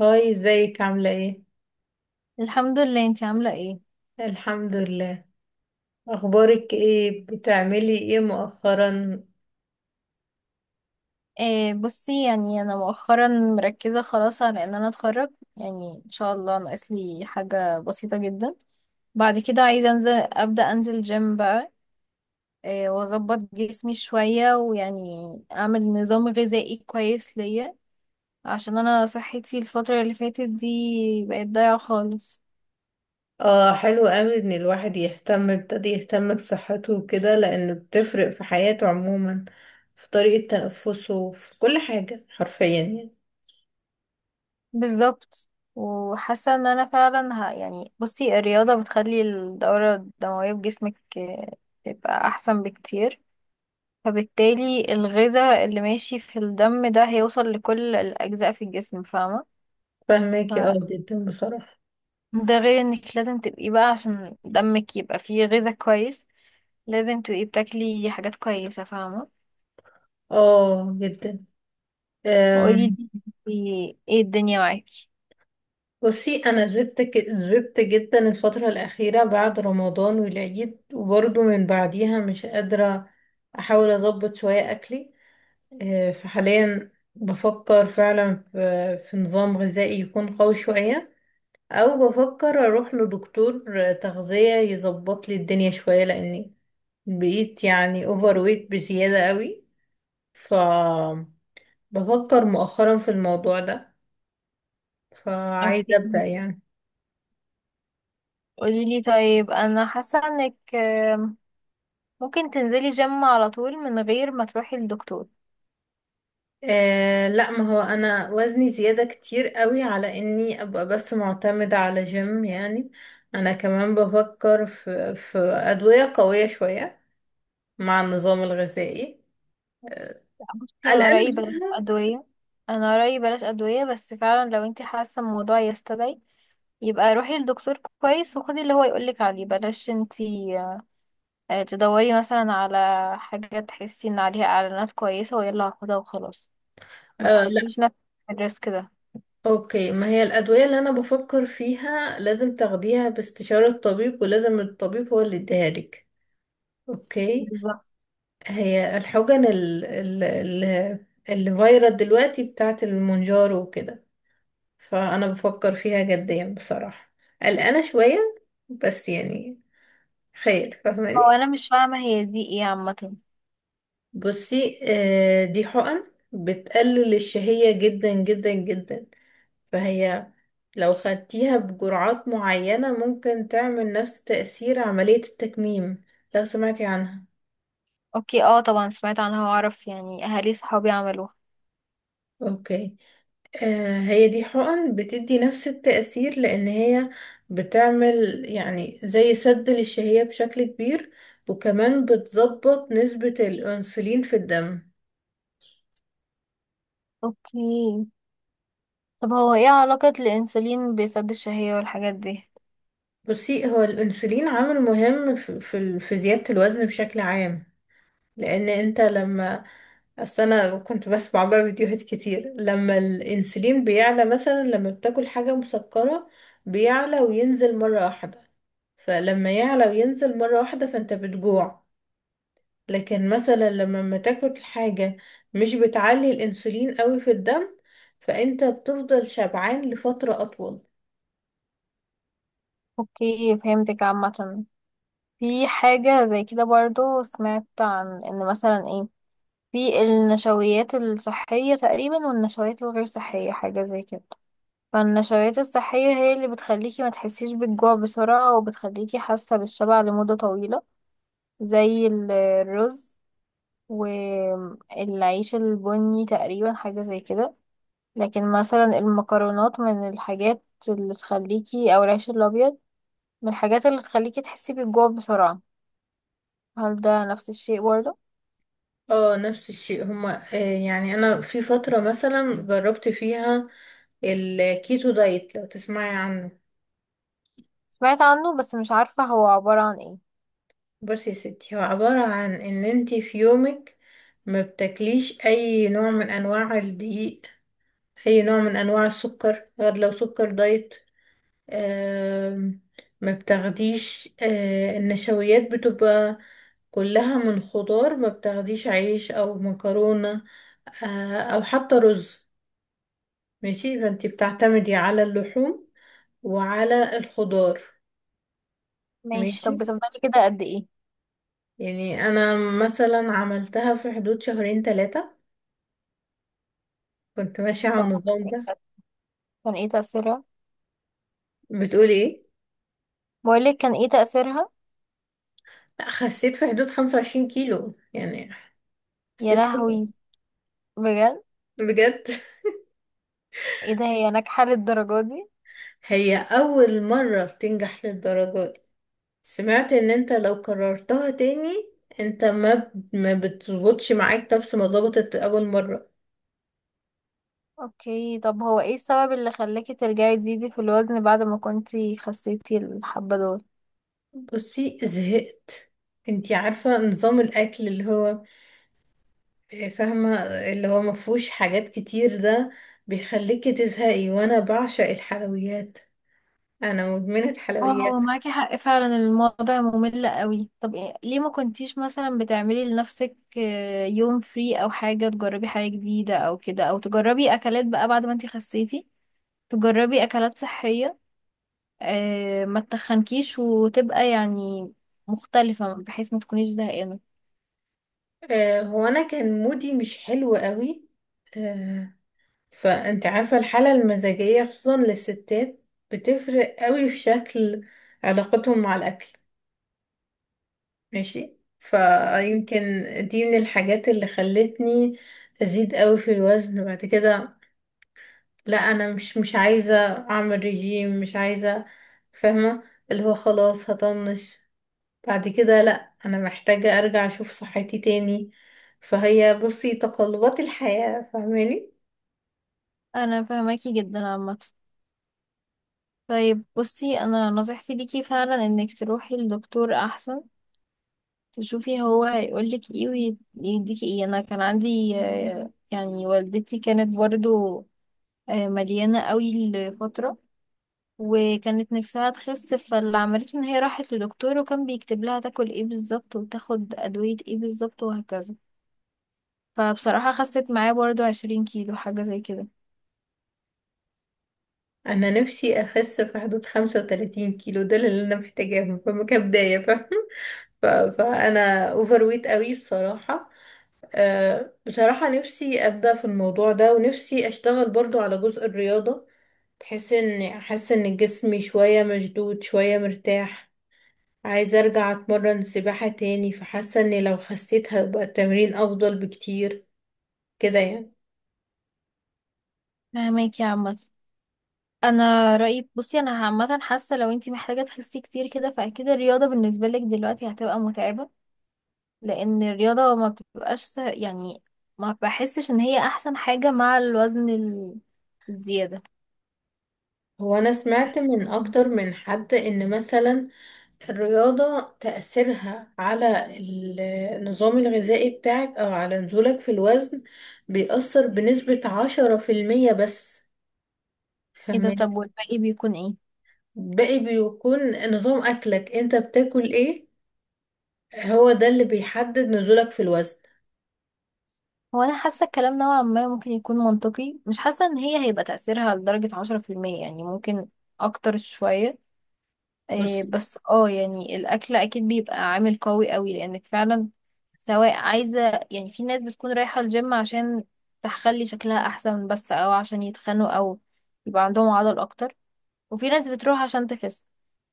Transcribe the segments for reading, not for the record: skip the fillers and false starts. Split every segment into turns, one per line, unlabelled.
هاي ازيك عاملة ايه؟
الحمد لله. انتي عاملة ايه؟
الحمد لله. اخبارك ايه؟ بتعملي ايه مؤخرا؟
إيه بصي، يعني انا مؤخرا مركزة خلاص على ان انا اتخرج. يعني ان شاء الله ناقص لي حاجة بسيطة جدا. بعد كده عايزة انزل، ابدأ انزل جيم بقى. إيه واظبط جسمي شوية، ويعني اعمل نظام غذائي كويس ليا، عشان انا صحتي الفترة اللي فاتت دي بقت ضايعة خالص.
اه، حلو قوي ان الواحد يهتم، ابتدي يهتم بصحته وكده، لان بتفرق في حياته عموما، في طريقة تنفسه، في كل حاجة حرفيا يعني.
بالظبط. وحاسه ان انا فعلا يعني بصي الرياضه بتخلي الدوره الدمويه في جسمك تبقى احسن بكتير، فبالتالي الغذاء اللي ماشي في الدم ده هيوصل لكل الاجزاء في الجسم، فاهمه.
فاهماكي اه،
ف-
جدا بصراحة.
ده غير انك لازم تبقي بقى عشان دمك يبقى فيه غذاء كويس، لازم تبقي بتاكلي حاجات كويسه، فاهمه.
اه جدا.
وقولي
أم،
لي ايه الدنيا معاكي.
بصي، انا زدت زدت جدا الفترة الأخيرة بعد رمضان والعيد، وبرضه من بعديها مش قادرة احاول اظبط شوية اكلي. فحاليا بفكر فعلا في نظام غذائي يكون قوي شوية، أو بفكر أروح لدكتور تغذية يظبط لي الدنيا شوية، لأني بقيت يعني أوفر ويت بزيادة قوي. فبفكر مؤخرا في الموضوع ده، فعايزة
اوكي،
أبدأ يعني.
قولي لي. طيب انا حاسه انك ممكن تنزلي جيم على طول من غير ما تروحي للدكتور.
آه لا، ما هو أنا وزني زيادة كتير قوي على إني أبقى بس معتمدة على جيم يعني. أنا كمان بفكر في أدوية قوية شوية مع النظام الغذائي.
لا، بصي انا
قلقانة
رأيي بلاش
منها.
ادوية. انا رأيي بلاش ادوية، بس فعلا لو انتي حاسة الموضوع يستدعي، يبقى روحي للدكتور كويس وخدي اللي هو يقولك عليه. بلاش انتي تدوري مثلا على حاجة تحسي ان عليها اعلانات كويسة ويلا هاخدها وخلاص. ما
آه لا.
تحطيش نفسك في الريسك ده.
اوكي، ما هي الأدوية اللي أنا بفكر فيها لازم تاخديها باستشارة طبيب، ولازم الطبيب هو اللي يديها لك. اوكي.
بالظبط.
هي الحقن ال اللي فايرال دلوقتي بتاعت المونجارو وكده. فأنا بفكر فيها جديا بصراحة، قلقانة شوية بس يعني خير،
او
فاهماني.
انا مش فاهمة هي دي ايه عامة؟
بصي آه، دي حقن بتقلل الشهية جدا جدا جدا، فهي لو خدتيها بجرعات معينة ممكن تعمل نفس تأثير عملية التكميم، لو سمعتي عنها.
اوكي، اه طبعا سمعت عنها واعرف، يعني اهالي صحابي عملوها.
اوكي. آه، هي دي حقن بتدي نفس التأثير لأن هي بتعمل يعني زي سد للشهية بشكل كبير، وكمان بتظبط نسبة الأنسولين في الدم.
اوكي، طب هو ايه علاقة الانسولين بسد الشهية والحاجات دي؟
بصي، هو الأنسولين عامل مهم في في زيادة الوزن بشكل عام. لأن انت لما، بس انا كنت بسمع بقى فيديوهات كتير لما الانسولين بيعلى، مثلا لما بتاكل حاجة مسكرة بيعلى وينزل مرة واحدة، فلما يعلى وينزل مرة واحدة فانت بتجوع. لكن مثلا لما ما تاكل حاجة مش بتعلي الانسولين قوي في الدم، فانت بتفضل شبعان لفترة اطول.
اوكي، فهمتك عامة. في حاجة زي كده برضو، سمعت عن ان مثلا ايه، في النشويات الصحية تقريبا والنشويات الغير صحية، حاجة زي كده. فالنشويات الصحية هي اللي بتخليكي ما تحسيش بالجوع بسرعة وبتخليكي حاسة بالشبع لمدة طويلة، زي الرز والعيش البني تقريبا، حاجة زي كده. لكن مثلا المكرونات من الحاجات اللي تخليكي، او العيش الابيض من الحاجات اللي تخليكي تحسي بالجوع بسرعة. هل ده نفس الشيء برضه؟
اه، نفس الشيء هما يعني انا في فترة مثلا جربت فيها الكيتو دايت، لو تسمعي عنه.
سمعت عنه بس مش عارفة هو عبارة عن ايه.
بصي يا ستي، هو عبارة عن ان انتي في يومك ما بتاكليش اي نوع من انواع الدقيق، اي نوع من انواع السكر غير لو سكر دايت. آم، ما بتاخديش النشويات، بتبقى كلها من خضار، ما بتاخديش عيش او مكرونة او حتى رز. ماشي، فانتي بتعتمدي على اللحوم وعلى الخضار.
ماشي،
ماشي
طب بتفضلي كده قد ايه؟
يعني، انا مثلا عملتها في حدود 2 3 كنت ماشية على
طب
النظام ده.
كان ايه تأثيرها؟
بتقولي ايه؟
بقولك كان ايه تأثيرها؟
لا، خسيت في حدود 25 كيلو يعني،
يا
خسيت كتير.
لهوي، بجد؟
بجد.
ايه ده، هي ناجحة للدرجة دي؟
هي أول مرة بتنجح للدرجة دي. سمعت ان انت لو كررتها تاني انت ما بتظبطش معاك نفس ما ظبطت أول مرة.
اوكي، طب هو ايه السبب اللي خلاكي ترجعي تزيدي في الوزن بعد ما كنتي خسيتي الحبة دول؟
بصي، زهقت. انتي عارفة نظام الأكل اللي هو فاهمة، اللي هو مفهوش حاجات كتير ده بيخليكي تزهقي، وأنا بعشق الحلويات، أنا مدمنة
اه
حلويات.
معاكي حق فعلا، الموضوع ممل قوي. طب ليه ما كنتيش مثلا بتعملي لنفسك يوم فري، او حاجة تجربي حاجة جديدة، او كده، او تجربي اكلات بقى بعد ما انتي خسيتي، تجربي اكلات صحية ما تتخنكيش، وتبقى يعني مختلفة بحيث ما تكونيش زهقانة.
هو انا كان مودي مش حلو قوي آه، فانت عارفة الحالة المزاجية خصوصا للستات بتفرق قوي في شكل علاقتهم مع الاكل. ماشي، فيمكن دي من الحاجات اللي خلتني ازيد قوي في الوزن بعد كده. لا انا مش عايزة اعمل رجيم، مش عايزة، فاهمة؟ اللي هو خلاص هطنش بعد كده. لا، انا محتاجة ارجع اشوف صحتي تاني، فهي بصي تقلبات الحياة، فاهماني.
انا فهماكي جدا عامة. طيب بصي، انا نصيحتي ليكي فعلا انك تروحي لدكتور احسن، تشوفي هو هيقولك ايه ويديكي ايه. انا كان عندي يعني والدتي كانت برضو مليانة قوي لفترة، وكانت نفسها تخس، فاللي عملته ان هي راحت لدكتور وكان بيكتب لها تاكل ايه بالظبط وتاخد ادوية ايه بالظبط وهكذا. فبصراحة خست معاه برضو 20 كيلو، حاجة زي كده.
انا نفسي اخس في حدود 35 كيلو، دول اللي انا محتاجاهم فما كبداية، فاهمة؟ ف- فانا اوفر ويت قوي بصراحة. أه بصراحة نفسي ابدأ في الموضوع ده، ونفسي اشتغل برضو على جزء الرياضة، بحيث ان احس ان جسمي شوية مشدود، شوية مرتاح. عايزة ارجع اتمرن سباحة تاني، فحاسة اني لو خسيت هيبقى التمرين افضل بكتير كده يعني.
فهماكي يا عامة. انا رأيي، بصي انا عامة حاسة لو انتي محتاجة تخسي كتير كده، فاكيد الرياضة بالنسبة لك دلوقتي هتبقى متعبة، لان الرياضة ما بتبقاش يعني ما بحسش ان هي احسن حاجة مع الوزن الزيادة.
هو انا سمعت من اكتر من حد ان مثلا الرياضة تأثيرها على النظام الغذائي بتاعك، او على نزولك في الوزن بيأثر بنسبة 10% بس،
ايه ده،
فاهمين؟
طب والباقي بيكون ايه؟
باقي بيكون نظام اكلك، انت بتاكل ايه، هو ده اللي بيحدد نزولك في الوزن.
هو انا حاسة الكلام نوعا ما ممكن يكون منطقي، مش حاسة ان هي هيبقى تأثيرها لدرجة 10%، يعني ممكن اكتر شوية. إيه،
بص.
بس اه يعني الاكل اكيد بيبقى عامل قوي قوي، لانك فعلا سواء عايزة، يعني في ناس بتكون رايحة الجيم عشان تخلي شكلها احسن بس، او عشان يتخنوا، او يبقى عندهم عضل اكتر، وفي ناس بتروح عشان تخس،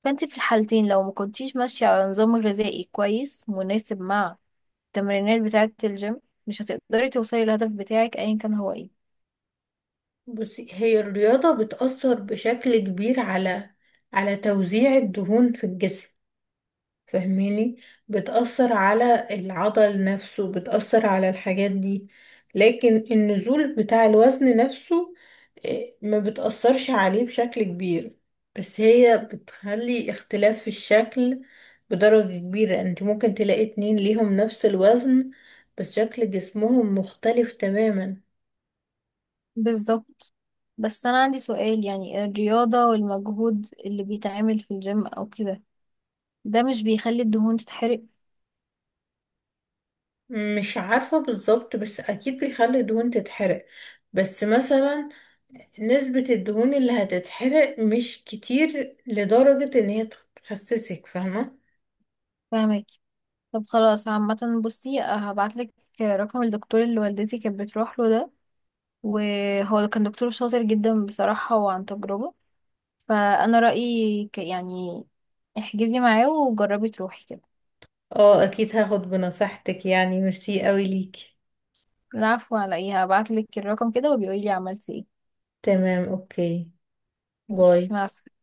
فانت في الحالتين لو ما كنتيش ماشية على نظام غذائي كويس مناسب مع التمرينات بتاعة الجيم، مش هتقدري توصلي للهدف بتاعك ايا كان هو ايه.
بصي، هي الرياضة بتأثر بشكل كبير على على توزيع الدهون في الجسم، فاهماني؟ بتأثر على العضل نفسه، بتأثر على الحاجات دي. لكن النزول بتاع الوزن نفسه ما بتأثرش عليه بشكل كبير. بس هي بتخلي اختلاف في الشكل بدرجة كبيرة. انت ممكن تلاقي اتنين ليهم نفس الوزن بس شكل جسمهم مختلف تماما.
بالظبط. بس انا عندي سؤال، يعني الرياضة والمجهود اللي بيتعمل في الجيم او كده، ده مش بيخلي الدهون تتحرق؟
مش عارفة بالظبط، بس أكيد بيخلي الدهون تتحرق. بس مثلا نسبة الدهون اللي هتتحرق مش كتير لدرجة إن هي تخسسك، فاهمة؟
فاهمك. طب خلاص عامة، بصي هبعتلك رقم الدكتور اللي والدتي كانت بتروح له ده، وهو كان دكتور شاطر جدا بصراحة وعن تجربة، فانا رأيي يعني احجزي معاه وجربي تروحي كده.
اه، أكيد هاخد بنصيحتك يعني. ميرسي قوي ليكي.
العفو، على ايه. هبعتلك الرقم كده، وبيقولي لي عملتي ايه.
تمام، أوكي. باي.
ماشي، مع السلامة.